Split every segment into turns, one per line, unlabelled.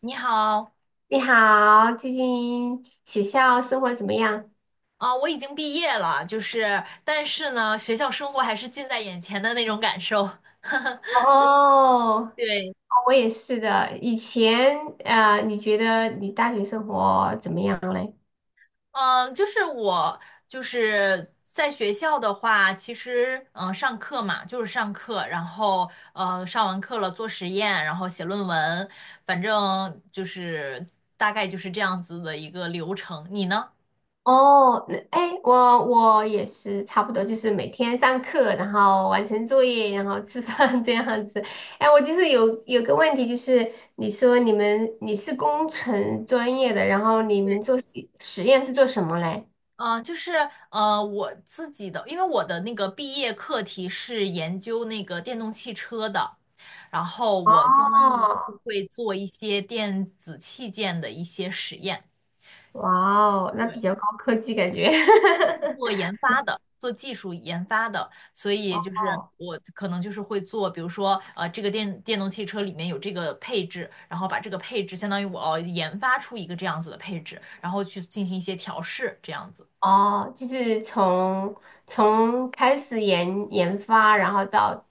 你好，
你好，最近学校生活怎么样？
我已经毕业了，但是呢，学校生活还是近在眼前的那种感受。
哦，
对，
我也是的。以前，你觉得你大学生活怎么样嘞？
嗯、就是我在学校的话，其实上课嘛，就是上课，然后上完课了做实验，然后写论文，反正大概就是这样子的一个流程。你呢？
哦，那哎，我也是差不多，就是每天上课，然后完成作业，然后吃饭 这样子。哎，我就是有个问题，就是你说你是工程专业的，然后你
对，
们做实验是做什么嘞？
嗯，我自己的，因为我的那个毕业课题是研究那个电动汽车的，然后我相当于就
哦，
是会做一些电子器件的一些实验。
哇哦，那比
对，
较高科技感觉。
做研发的，做技术研发的，所以就是
哦
我可能就是会做，比如说,这个电动汽车里面有这个配置，然后把这个配置相当于我要研发出一个这样子的配置，然后去进行一些调试，这样子。
哦，就是从开始研发，然后到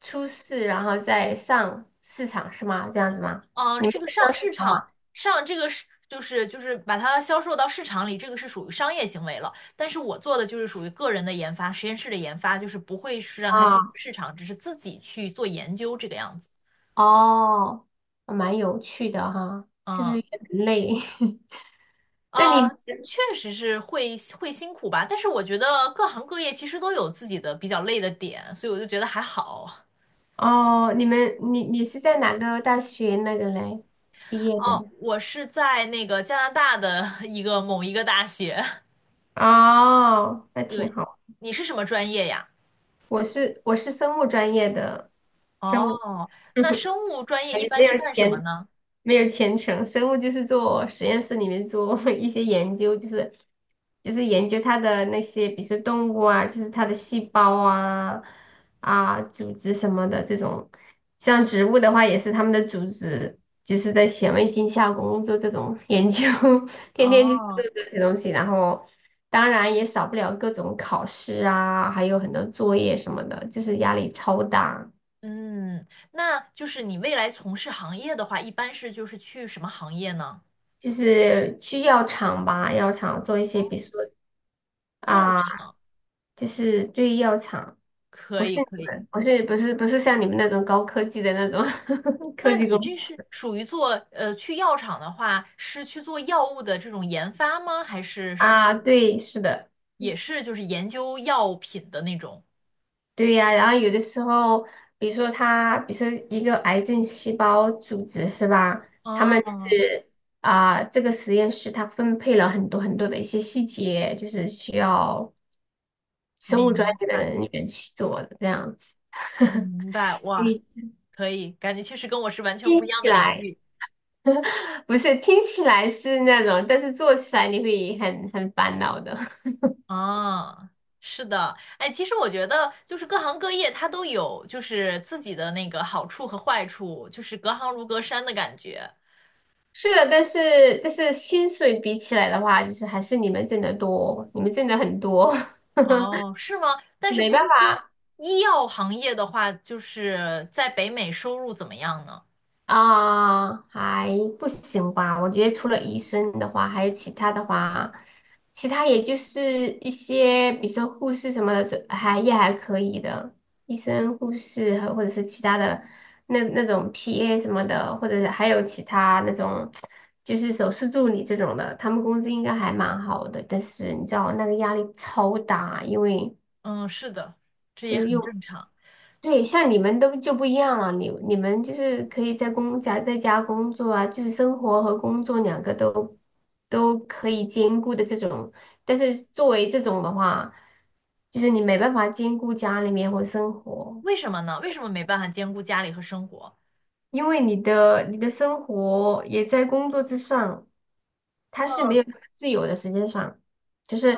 出市，然后再上市场是吗？这样子吗？你们
这个上
上市
市
场
场
吗？
上这个就是把它销售到市场里，这个是属于商业行为了。但是我做的就是属于个人的研发，实验室的研发，就是不会是让它进入
啊，
市场，只是自己去做研究这个样子。
哦，蛮有趣的哈，是不是
嗯，
也很累？那
呃，
你
确实是会辛苦吧，但是我觉得各行各业其实都有自己的比较累的点，所以我就觉得还好。
哦，你们你你是在哪个大学那个嘞毕业
哦，
的？
我是在那个加拿大的 一个某一个大学，
哦，那 挺
对，
好。
你是什么专业呀？
我是生物专业的，生物。
哦，那 生物专业
感
一
觉
般是干什么呢？
没有前程。生物就是做实验室里面做 一些研究，就是研究它的那些，比如说动物啊，就是它的细胞啊啊组织什么的这种。像植物的话，也是它们的组织，就是在显微镜下工作这种 研究，天天就是做
哦，
这些东西。然后当然也少不了各种考试啊，还有很多作业什么的，就是压力超大。
嗯，那就是你未来从事行业的话，一般是就是去什么行业呢？
就是去药厂吧，药厂做一些，
哦，
比如说
药
啊，
厂，
就是对药厂，
可
不是
以可
你
以。
们，不是像你们那种高科技的那种 科
那
技
你
工
这是属于做去药厂的话，是去做药物的这种研发吗？还是
啊，对，是的，
也是就是研究药品的那种？
对呀、然后有的时候，比如说一个癌症细胞组织是吧？他们就
哦，
是啊，这个实验室它分配了很多很多的一些细节，就是需要生物专
明
业的
白
人员去做的这样子。
明白，哇，
你
可以，感觉确实跟我是完全不一
听
样
起
的领
来。
域。
不是，听起来是那种，但是做起来你会很很烦恼的。
啊，是的，哎，其实我觉得就是各行各业它都有就是自己的那个好处和坏处，就是隔行如隔山的感觉。
是的，但是薪水比起来的话，就是还是你们挣得多，你们挣得很多，
哦，是吗？但是
没
不是
办
说
法。
医药行业的话，就是在北美收入怎么样呢？
啊，还不行吧？我觉得除了医生的话，还有其他的话，其他也就是一些，比如说护士什么的，就还也还可以的。医生、护士和或者是其他的那那种 PA 什么的，或者是还有其他那种就是手术助理这种的，他们工资应该还蛮好的。但是你知道那个压力超大，因为
嗯，是的，这也
是
很
用
正常。
对，像你们都就不一样了，你你们就是可以在工家在家工作啊，就是生活和工作两个都都可以兼顾的这种。但是作为这种的话，就是你没办法兼顾家里面或生活，
为什么呢？为什么没办法兼顾家里和生活？
因为你的生活也在工作之上，他是没有那么自由的时间上，就是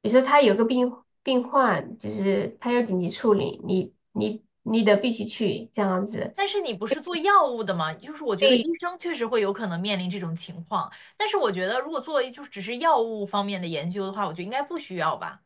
比如说他有个病患，就是他有紧急处理，你得必须去这样子。
但是你不是做药物的吗？就是我觉得
对
医生确实会有可能面临这种情况，但是我觉得如果做就是只是药物方面的研究的话，我觉得应该不需要吧。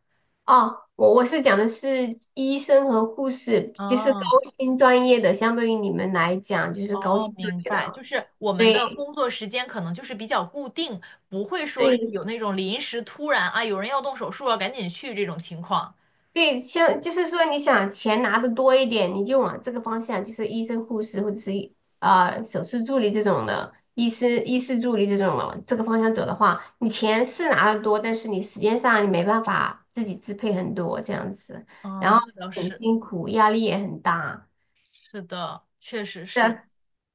哦，我是讲的是医生和护士，就是高
啊，
薪专业的，相对于你们来讲就是高
哦，
薪专
明
业的
白，就
啊。
是我们的
对
工作时间可能就是比较固定，不会说是
对
有那种临时突然,有人要动手术要赶紧去这种情况。
对，像就是说你想钱拿的多一点，你就往这个方向，就是医生、护士或者是啊手术助理这种的，医师、医师助理这种的这个方向走的话，你钱是拿的多，但是你时间上你没办法自己支配很多这样子，然后
嗯，那倒
很
是，
辛苦，压力也很大。
是的，确实是。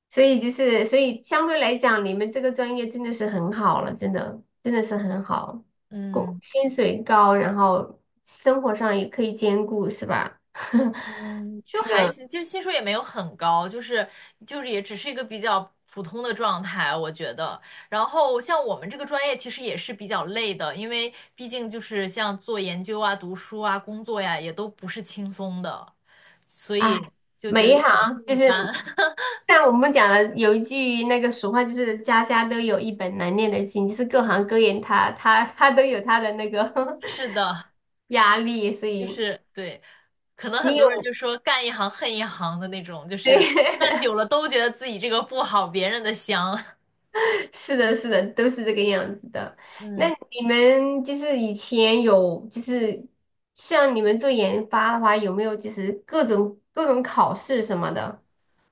所以就是，所以相对来讲，你们这个专业真的是很好了，真的，真的是很好，工
嗯，
薪水高，然后生活上也可以兼顾，是吧？
嗯，就
真
还
的，
行，其实薪水也没有很高，就是也只是一个比较普通的状态，我觉得。然后像我们这个专业其实也是比较累的，因为毕竟就是像做研究啊、读书啊、工作呀，也都不是轻松的，所
哎，
以就觉
每
得
一
也是
行就
一般。
是 像我们讲的，有一句那个俗话，就是家家都有一本难念的经，就是各行各业他都有他的那个
是的，
压力，所
就
以
是对，可能很
你
多人
有
就说干一行恨一行的那种，就 是干
对，
久了都觉得自己这个不好，别人的香。
是的，是的，都是这个样子的。那
嗯。
你们就是以前有，就是像你们做研发的话，有没有就是各种各种考试什么的？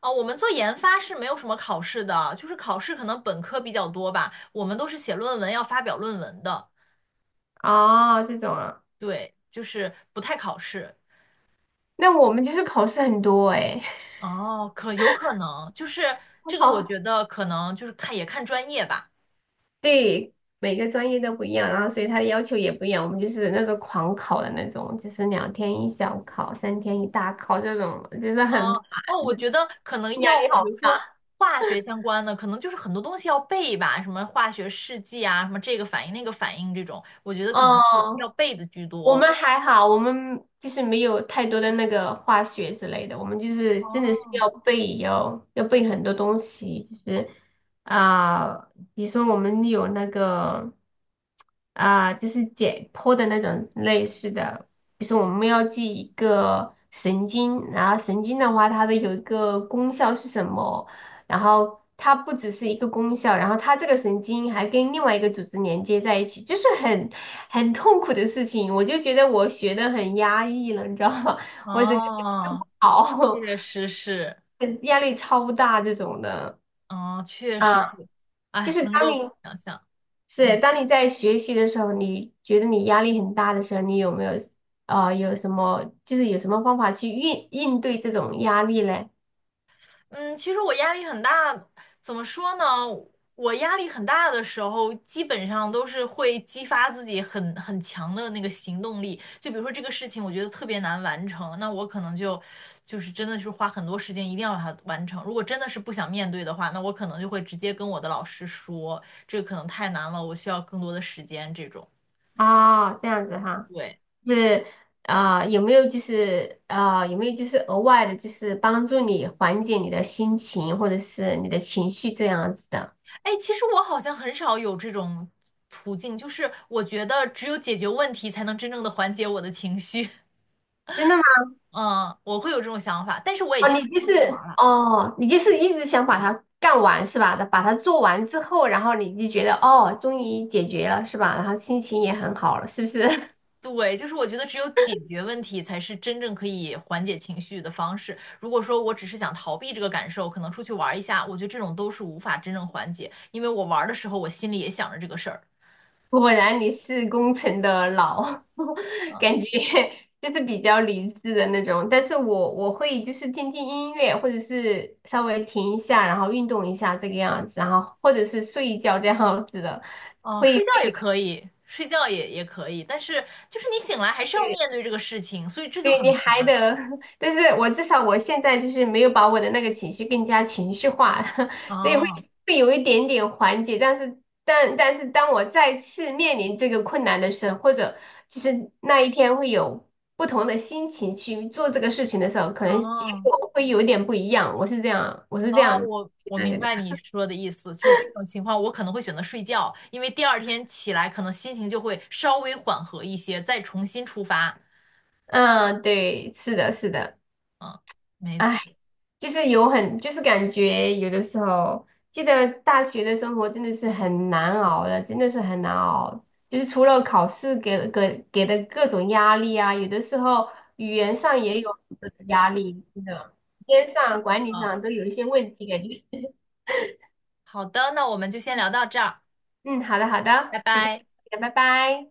哦，我们做研发是没有什么考试的，就是考试可能本科比较多吧，我们都是写论文要发表论文的，
哦，这种啊，
对，就是不太考试。
那我们就是考试很多哎，
哦，可有可能，就是 这个，我觉
好，
得可能就是看也看专业吧。
对，每个专业都不一样，然后所以他的要求也不一样。我们就是那种狂考的那种，就是两天一小考，三天一大考这种，就是很
哦哦
烦，
我觉得可 能药
压力
物，比
好
如说
大。
化学相关的，可能就是很多东西要背吧，什么化学试剂啊，什么这个反应那个反应这种，我觉得可能
哦。
是要背的居
我
多。
们还好，我们就是没有太多的那个化学之类的，我们就是真的是
哦
要背，要背很多东西，就是啊、比如说我们有那个啊、就是解剖的那种类似的，比如说我们要记一个神经，然后神经的话它的有一个功效是什么，然后它不只是一个功效，然后它这个神经还跟另外一个组织连接在一起，就是很痛苦的事情。我就觉得我学的很压抑了，你知道吗？我整个人都
哦，
不好，
确实是。
压力超大这种的
哦，确实
啊。
是，
就
哎，
是
能
当
够
你
想象，
是
嗯
当你在学习的时候，你觉得你压力很大的时候，你有没有有什么就是有什么方法去应对这种压力嘞？
嗯，其实我压力很大，怎么说呢？我压力很大的时候，基本上都是会激发自己很很强的那个行动力。就比如说这个事情，我觉得特别难完成，那我可能就真的是花很多时间，一定要把它完成。如果真的是不想面对的话，那我可能就会直接跟我的老师说，这个可能太难了，我需要更多的时间。这种，
啊，这样子哈。
对。
就是啊、有没有就是啊、有没有就是额外的，就是帮助你缓解你的心情或者是你的情绪这样子的？
哎，其实我好像很少有这种途径，就是我觉得只有解决问题才能真正的缓解我的情绪。
真的吗？
嗯，我会有这种想法，但是我也
哦，
经
你
常
就
出去
是
玩了。
哦，你就是一直想把它干完是吧？把它做完之后，然后你就觉得哦，终于解决了是吧？然后心情也很好了，是不是？
对，就是我觉得只有解决问题才是真正可以缓解情绪的方式。如果说我只是想逃避这个感受，可能出去玩一下，我觉得这种都是无法真正缓解，因为我玩的时候我心里也想着这个事儿。
果然你是工程的老，
嗯，
感觉就是比较理智的那种。但是我会就是听听音乐，或者是稍微停一下，然后运动一下这个样子，然后或者是睡一觉这样子的，
哦，
会
睡
会。
觉也可以，睡觉也也可以但是就是你醒来还是要面对这个事情，所以这就
对
很
你还
烦。
得，但是我至少我现在就是没有把我的那个情绪更加情绪化，所以会
哦。
会有一点点缓解。但是，但是当我再次面临这个困难的时候，或者就是那一天会有不同的心情去做这个事情的时候，可能结
哦
果会有点不一样。我是这样，我是这
哦，
样
我我
那
明
个的。
白你说的意思，就是这种情况，我可能会选择睡觉，因为第二天起来可能心情就会稍微缓和一些，再重新出发。
嗯，对，是的，是的。
嗯，没错
唉就是有很，就是感觉有的时候，记得大学的生活真的是很难熬的，真的是很难熬。就是除了考试给的各种压力啊，有的时候语言上也有很多的压力，真的，时间上、
嗯，
管理上都有一些问题感觉。
好的，那我们就先聊到这儿，
嗯，好的好
拜
的，很开
拜。
心，拜拜。